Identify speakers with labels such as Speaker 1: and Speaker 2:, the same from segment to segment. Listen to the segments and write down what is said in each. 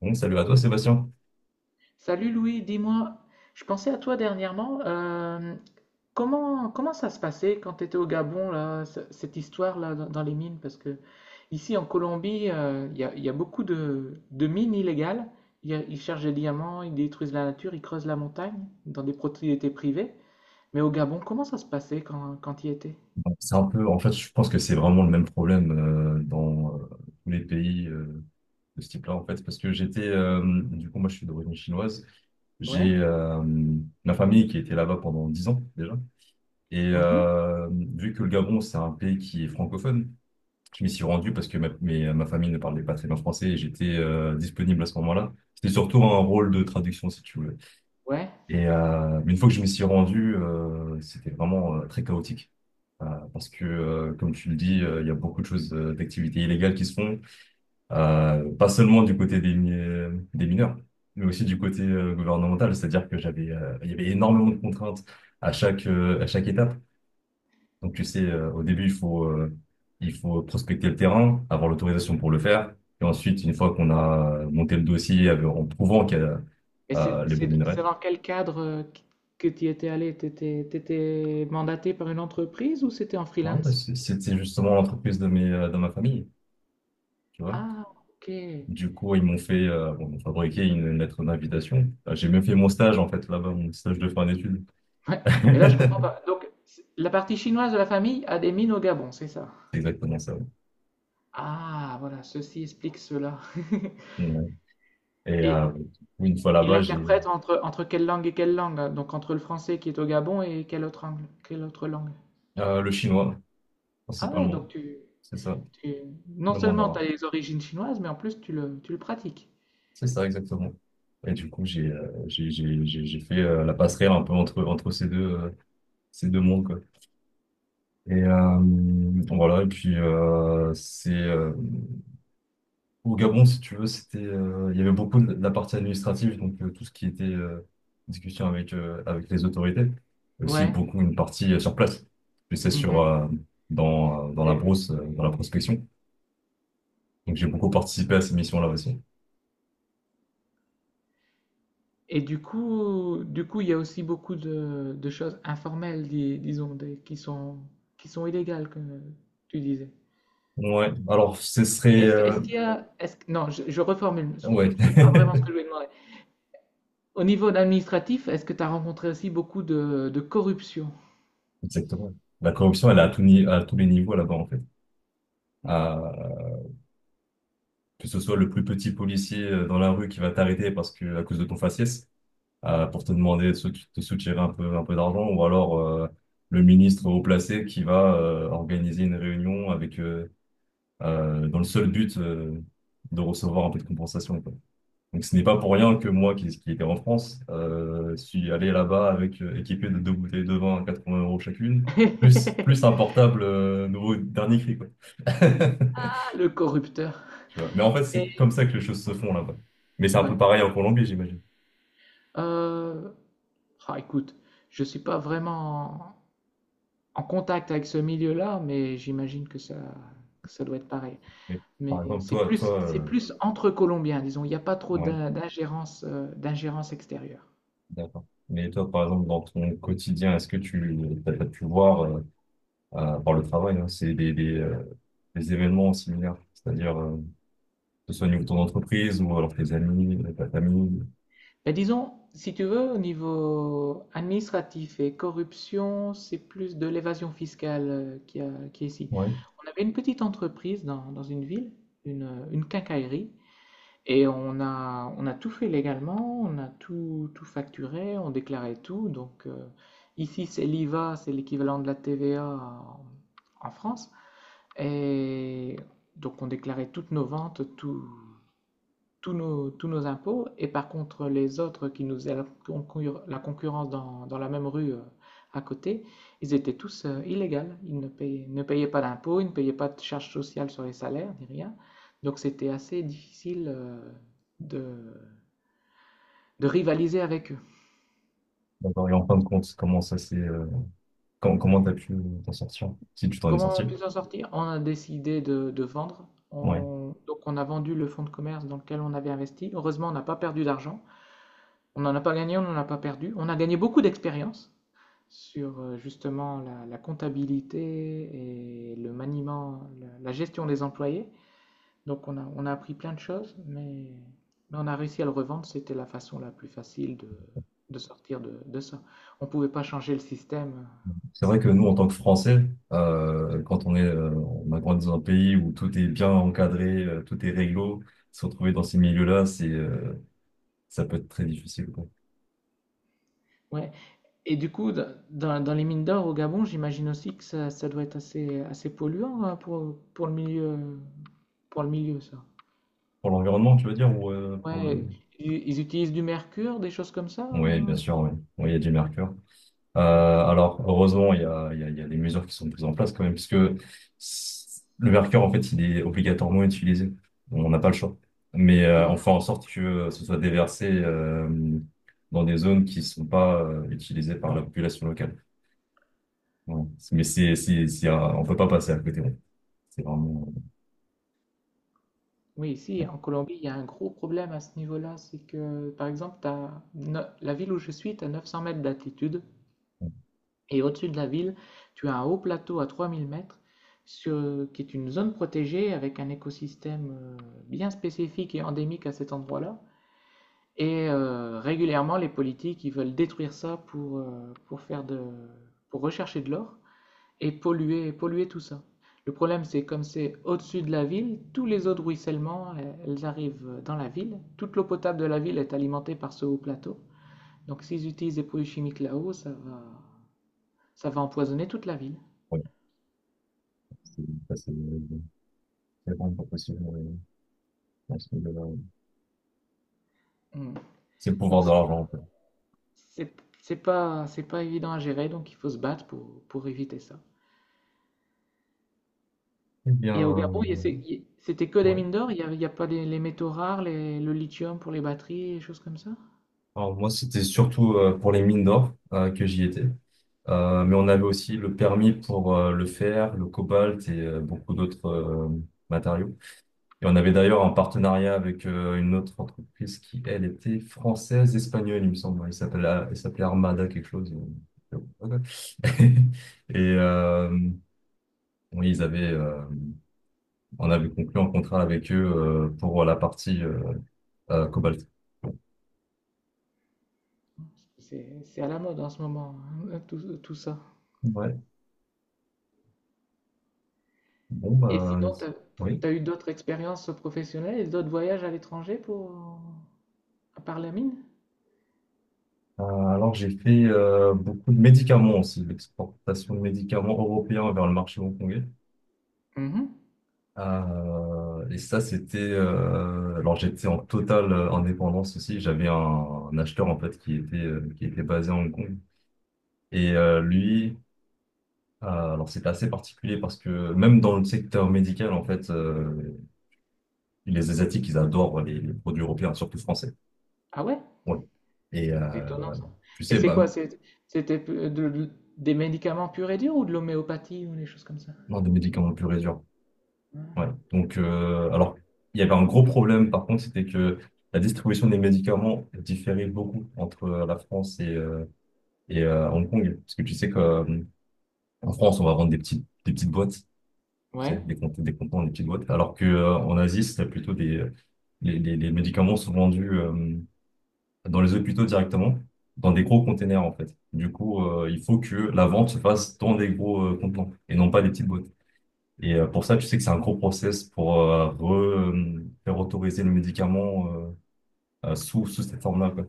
Speaker 1: Bon, salut à toi Sébastien.
Speaker 2: Salut Louis, dis-moi, je pensais à toi dernièrement. Comment ça se passait quand tu étais au Gabon, là, cette histoire-là dans les mines? Parce que ici en Colombie, il y a beaucoup de mines illégales. Ils cherchent des diamants, ils détruisent la nature, ils creusent la montagne dans des propriétés privées. Mais au Gabon, comment ça se passait quand tu y étais?
Speaker 1: C'est un peu, en fait, je pense que c'est vraiment le même problème dans tous les pays de ce type-là, en fait, parce que du coup, moi je suis d'origine chinoise,
Speaker 2: Ouais?
Speaker 1: j'ai ma famille qui était là-bas pendant 10 ans déjà, et
Speaker 2: Mhm.
Speaker 1: vu que le Gabon, c'est un pays qui est francophone, je m'y suis rendu parce que ma famille ne parlait pas très bien français et j'étais disponible à ce moment-là. C'était surtout un rôle de traduction, si tu veux.
Speaker 2: Ouais.
Speaker 1: Mais une fois que je m'y suis rendu, c'était vraiment très chaotique. Euh, Parce que, comme tu le dis, il y a beaucoup de choses, d'activités illégales qui se font, pas seulement du côté des mineurs, mais aussi du côté gouvernemental. C'est-à-dire que il y avait énormément de contraintes à chaque étape. Donc, tu sais, au début, il faut prospecter le terrain, avoir l'autorisation pour le faire. Et ensuite, une fois qu'on a monté le dossier en prouvant qu'il y a
Speaker 2: Et
Speaker 1: les bons minerais,
Speaker 2: c'est dans quel cadre que tu y étais allé? T'étais mandaté par une entreprise ou c'était en
Speaker 1: ouais, bah,
Speaker 2: freelance?
Speaker 1: c'était justement l'entreprise de ma famille, tu vois.
Speaker 2: Ah, OK.
Speaker 1: Du coup, ils m'ont fabriqué une lettre d'invitation. Ah, j'ai même fait mon stage, en fait, là-bas, mon stage de fin d'études.
Speaker 2: Ouais, mais là, je comprends
Speaker 1: C'est
Speaker 2: pas. Donc, c'est- la partie chinoise de la famille a des mines au Gabon, c'est ça?
Speaker 1: exactement ça. Ouais.
Speaker 2: Ah, voilà, ceci explique cela.
Speaker 1: Ouais. Et
Speaker 2: Et,
Speaker 1: du coup, une fois
Speaker 2: et
Speaker 1: là-bas, j'ai
Speaker 2: l'interprète entre quelle langue et quelle langue? Hein. Donc, entre le français qui est au Gabon et quelle autre langue? Quelle autre langue?
Speaker 1: le chinois,
Speaker 2: Ah ouais,
Speaker 1: principalement. C'est ça,
Speaker 2: tu- non
Speaker 1: le
Speaker 2: seulement tu as
Speaker 1: mandarin.
Speaker 2: les origines chinoises, mais en plus, tu le pratiques.
Speaker 1: C'est ça, exactement. Et du coup, j'ai fait la passerelle un peu entre ces deux mondes, quoi. Et voilà, et puis au Gabon, si tu veux, il y avait beaucoup de la partie administrative, donc tout ce qui était discussion avec les autorités, et aussi
Speaker 2: Ouais.
Speaker 1: beaucoup une partie sur place. Et
Speaker 2: Mhm.
Speaker 1: dans la brousse, dans la prospection. Donc j'ai beaucoup participé à ces missions-là aussi.
Speaker 2: Et du coup, il y a aussi beaucoup de choses informelles, disons, qui qui sont illégales, comme tu disais.
Speaker 1: Ouais, alors
Speaker 2: Est-ce que- est-ce qu'il y a, est-ce que- non, je reformule,
Speaker 1: ouais,
Speaker 2: c'est pas vraiment ce que je voulais demander. Au niveau administratif, est-ce que tu as rencontré aussi beaucoup de corruption?
Speaker 1: exactement. La corruption, elle est à tout ni- à tous les niveaux là-bas, en fait.
Speaker 2: Mhm.
Speaker 1: À- Que ce soit le plus petit policier dans la rue qui va t'arrêter parce que à cause de ton faciès, pour te demander de te soutirer un peu d'argent, ou alors le ministre haut placé qui va organiser une réunion avec dans le seul but de recevoir un peu de compensation, quoi. Donc ce n'est pas pour rien que moi, qui était en France, suis allé là-bas avec équipé de deux bouteilles de vin à 80 euros chacune, plus un portable nouveau dernier cri, quoi.
Speaker 2: Ah, le corrupteur.
Speaker 1: Tu vois. Mais en fait, c'est comme ça que les choses se font là-bas. Mais c'est un
Speaker 2: Ouais.
Speaker 1: peu pareil en Colombie, j'imagine.
Speaker 2: Euh, ah, écoute, je suis pas vraiment en contact avec ce milieu-là, mais j'imagine que ça doit être pareil.
Speaker 1: Mais par
Speaker 2: Mais
Speaker 1: exemple, toi, toi,
Speaker 2: c'est
Speaker 1: euh,
Speaker 2: plus entre Colombiens, disons. Il n'y a pas trop
Speaker 1: ouais.
Speaker 2: d'ingérence, d'ingérence extérieure.
Speaker 1: D'accord. Mais toi, par exemple, dans ton quotidien, est-ce que tu as pu voir, par le travail, hein, c'est des événements similaires, c'est-à-dire que ce soit au niveau de ton entreprise ou alors tes amis, ta famille.
Speaker 2: Ben, disons, si tu veux, au niveau administratif et corruption, c'est plus de l'évasion fiscale qui est ici.
Speaker 1: Ouais,
Speaker 2: On avait une petite entreprise dans une ville, une quincaillerie, et on a tout fait légalement, on a tout, tout facturé, on déclarait tout. Donc ici, c'est l'IVA, c'est l'équivalent de la TVA en France. Et donc on déclarait toutes nos ventes, tout, tous nos impôts. Et par contre, les autres qui nous faisaient la, concurrence dans la même rue à côté, ils étaient tous illégaux. Ils ne payaient, ne payaient pas d'impôts, ils ne payaient pas de charges sociales sur les salaires, ni rien. Donc c'était assez difficile de, de rivaliser avec eux.
Speaker 1: d'accord. Et en fin de compte, comment ça s'est, com- comment t'as pu t'en sortir, si tu t'en es
Speaker 2: Comment on a
Speaker 1: sorti?
Speaker 2: pu s'en sortir? On a décidé de vendre.
Speaker 1: Ouais.
Speaker 2: Donc on a vendu le fonds de commerce dans lequel on avait investi. Heureusement, on n'a pas perdu d'argent. On n'en a pas gagné, on n'en a pas perdu. On a gagné beaucoup d'expérience sur justement la comptabilité et le maniement, la gestion des employés. Donc on a appris plein de choses, mais on a réussi à le revendre. C'était la façon la plus facile de sortir de ça. On ne pouvait pas changer le système.
Speaker 1: C'est vrai que nous, en tant que Français, quand on a grandi dans un pays où tout est bien encadré, tout est réglo, se retrouver dans ces milieux-là, ça peut être très difficile.
Speaker 2: Ouais. Et dans les mines d'or au Gabon, j'imagine aussi que ça doit être assez polluant hein, pour le milieu, ça.
Speaker 1: Pour l'environnement, tu veux dire, ou pour
Speaker 2: Ouais,
Speaker 1: le...
Speaker 2: ils utilisent du mercure, des choses comme ça,
Speaker 1: Oui, bien
Speaker 2: hein.
Speaker 1: sûr, oui. Oui, il y a du mercure.
Speaker 2: Ah, quel…
Speaker 1: Alors, heureusement, il y a des mesures qui sont prises en place quand même, puisque le mercure, en fait, il est obligatoirement utilisé. On n'a pas le choix. Mais on fait
Speaker 2: Mhm.
Speaker 1: en sorte que ce soit déversé dans des zones qui ne sont pas utilisées par la population locale. Ouais. Mais on peut pas passer à côté. Ouais. C'est vraiment...
Speaker 2: Oui, ici en Colombie, il y a un gros problème à ce niveau-là, c'est que par exemple, t'as la ville où je suis, tu as 900 mètres d'altitude,
Speaker 1: euh,
Speaker 2: et au-dessus de la ville, tu as un haut plateau à 3000 mètres, sur- qui est une zone protégée avec un écosystème bien spécifique et endémique à cet endroit-là. Et régulièrement, les politiques, ils veulent détruire ça pour faire pour rechercher de l'or et polluer tout ça. Le problème, c'est comme c'est au-dessus de la ville, tous les eaux de ruissellement, elles arrivent dans la ville. Toute l'eau potable de la ville est alimentée par ce haut plateau. Donc s'ils utilisent des produits chimiques là-haut, ça va empoisonner toute la ville.
Speaker 1: ouais, c'est c'est- c'est vraiment pas possible, ouais, dans ce milieu-là, ouais.
Speaker 2: Mm.
Speaker 1: C'est le
Speaker 2: Donc
Speaker 1: pouvoir de l'argent.
Speaker 2: c'est, c'est pas évident à gérer, donc il faut se battre pour éviter ça.
Speaker 1: Eh bien,
Speaker 2: Et au Gabon, il y a- c'est- il- c'était que des
Speaker 1: ouais.
Speaker 2: mines d'or, il y a pas des- les métaux rares, les- le lithium pour les batteries, et choses comme ça.
Speaker 1: Alors moi, c'était surtout pour les mines d'or que j'y étais. Mais on avait aussi le permis pour le fer, le cobalt et beaucoup d'autres matériaux. Et on avait d'ailleurs un partenariat avec une autre entreprise qui, elle, était française, espagnole, il me semble. Elle s'appelait Armada quelque chose. Et oui, on avait conclu un contrat avec eux pour la partie cobalt.
Speaker 2: C'est à la mode en ce moment, hein, tout, tout ça.
Speaker 1: Ouais. Bon,
Speaker 2: Et
Speaker 1: bah,
Speaker 2: sinon,
Speaker 1: oui.
Speaker 2: t'as eu d'autres expériences professionnelles et d'autres voyages à l'étranger pour… à part la mine?
Speaker 1: Alors, j'ai fait beaucoup de médicaments aussi, l'exportation de médicaments européens vers le marché hongkongais.
Speaker 2: Mhm.
Speaker 1: Et ça, alors, j'étais en totale indépendance aussi. J'avais un acheteur, en fait, qui était basé à Hong Kong. Et euh, alors, c'était assez particulier parce que même dans le secteur médical, en fait, les Asiatiques, ils adorent les produits européens, surtout français.
Speaker 2: Ah ouais?
Speaker 1: Ouais. Et
Speaker 2: Étonnant ça.
Speaker 1: tu
Speaker 2: Et
Speaker 1: sais,
Speaker 2: c'est
Speaker 1: bah,
Speaker 2: quoi? C'était de- de- des médicaments purs et durs ou de l'homéopathie ou des choses comme ça?
Speaker 1: non, des médicaments purs et durs. Ouais. Donc, alors, il y avait un gros problème, par contre, c'était que la distribution des médicaments différait beaucoup entre la France et Hong Kong. Parce que tu sais qu'en France, on va vendre des petites boîtes, tu sais,
Speaker 2: Ouais.
Speaker 1: des contenants, des petites boîtes. Alors que, en Asie, c'est plutôt les médicaments sont vendus dans les hôpitaux directement, dans des gros containers, en fait. Du coup, il faut que la vente se fasse dans des gros contenants et non pas des petites boîtes. Et pour ça, tu sais que c'est un gros process pour faire autoriser le médicament sous cette forme-là, quoi.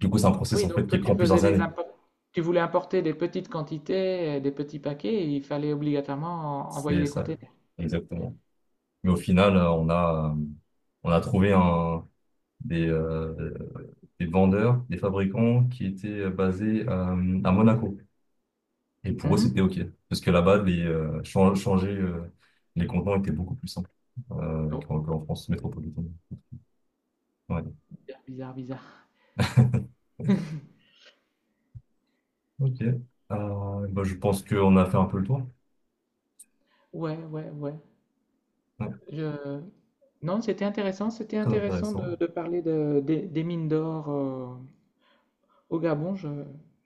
Speaker 1: Du coup, c'est un
Speaker 2: Ah
Speaker 1: process
Speaker 2: oui,
Speaker 1: en
Speaker 2: donc
Speaker 1: fait
Speaker 2: toi
Speaker 1: qui
Speaker 2: tu
Speaker 1: prend
Speaker 2: faisais
Speaker 1: plusieurs années.
Speaker 2: tu voulais importer des petites quantités, des petits paquets, et il fallait obligatoirement envoyer
Speaker 1: C'est
Speaker 2: des
Speaker 1: ça,
Speaker 2: containers.
Speaker 1: exactement. Mais au final, on a trouvé un, des, euh, des vendeurs, des fabricants qui étaient basés à Monaco. Et pour eux, c'était
Speaker 2: Mhm.
Speaker 1: OK. Parce que là-bas, changer les contenants était beaucoup plus simple
Speaker 2: Oh,
Speaker 1: qu'en France métropolitaine. Ouais.
Speaker 2: bizarre, bizarre, bizarre.
Speaker 1: Ok. Bah, je pense qu'on a fait un peu le tour.
Speaker 2: Ouais, ouais, ouais.
Speaker 1: Ouais,
Speaker 2: Je- non, c'était intéressant. C'était
Speaker 1: très
Speaker 2: intéressant
Speaker 1: intéressant.
Speaker 2: de parler des des mines d'or au Gabon.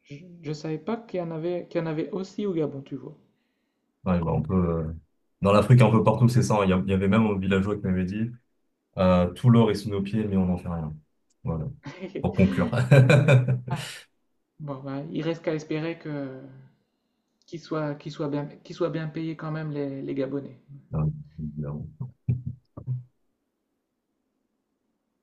Speaker 2: je, je savais pas qu'il y en avait, qu'il y en avait aussi au Gabon, tu vois.
Speaker 1: Ouais, bah. Dans l'Afrique, un peu partout, c'est ça. Hein. Il y avait même un villageois qui m'avait dit tout l'or est sous nos pieds, mais on n'en fait rien. Voilà, pour conclure.
Speaker 2: Bon, bah, il reste qu'à espérer que qu'ils soient bien payés quand même les Gabonais.
Speaker 1: Euh,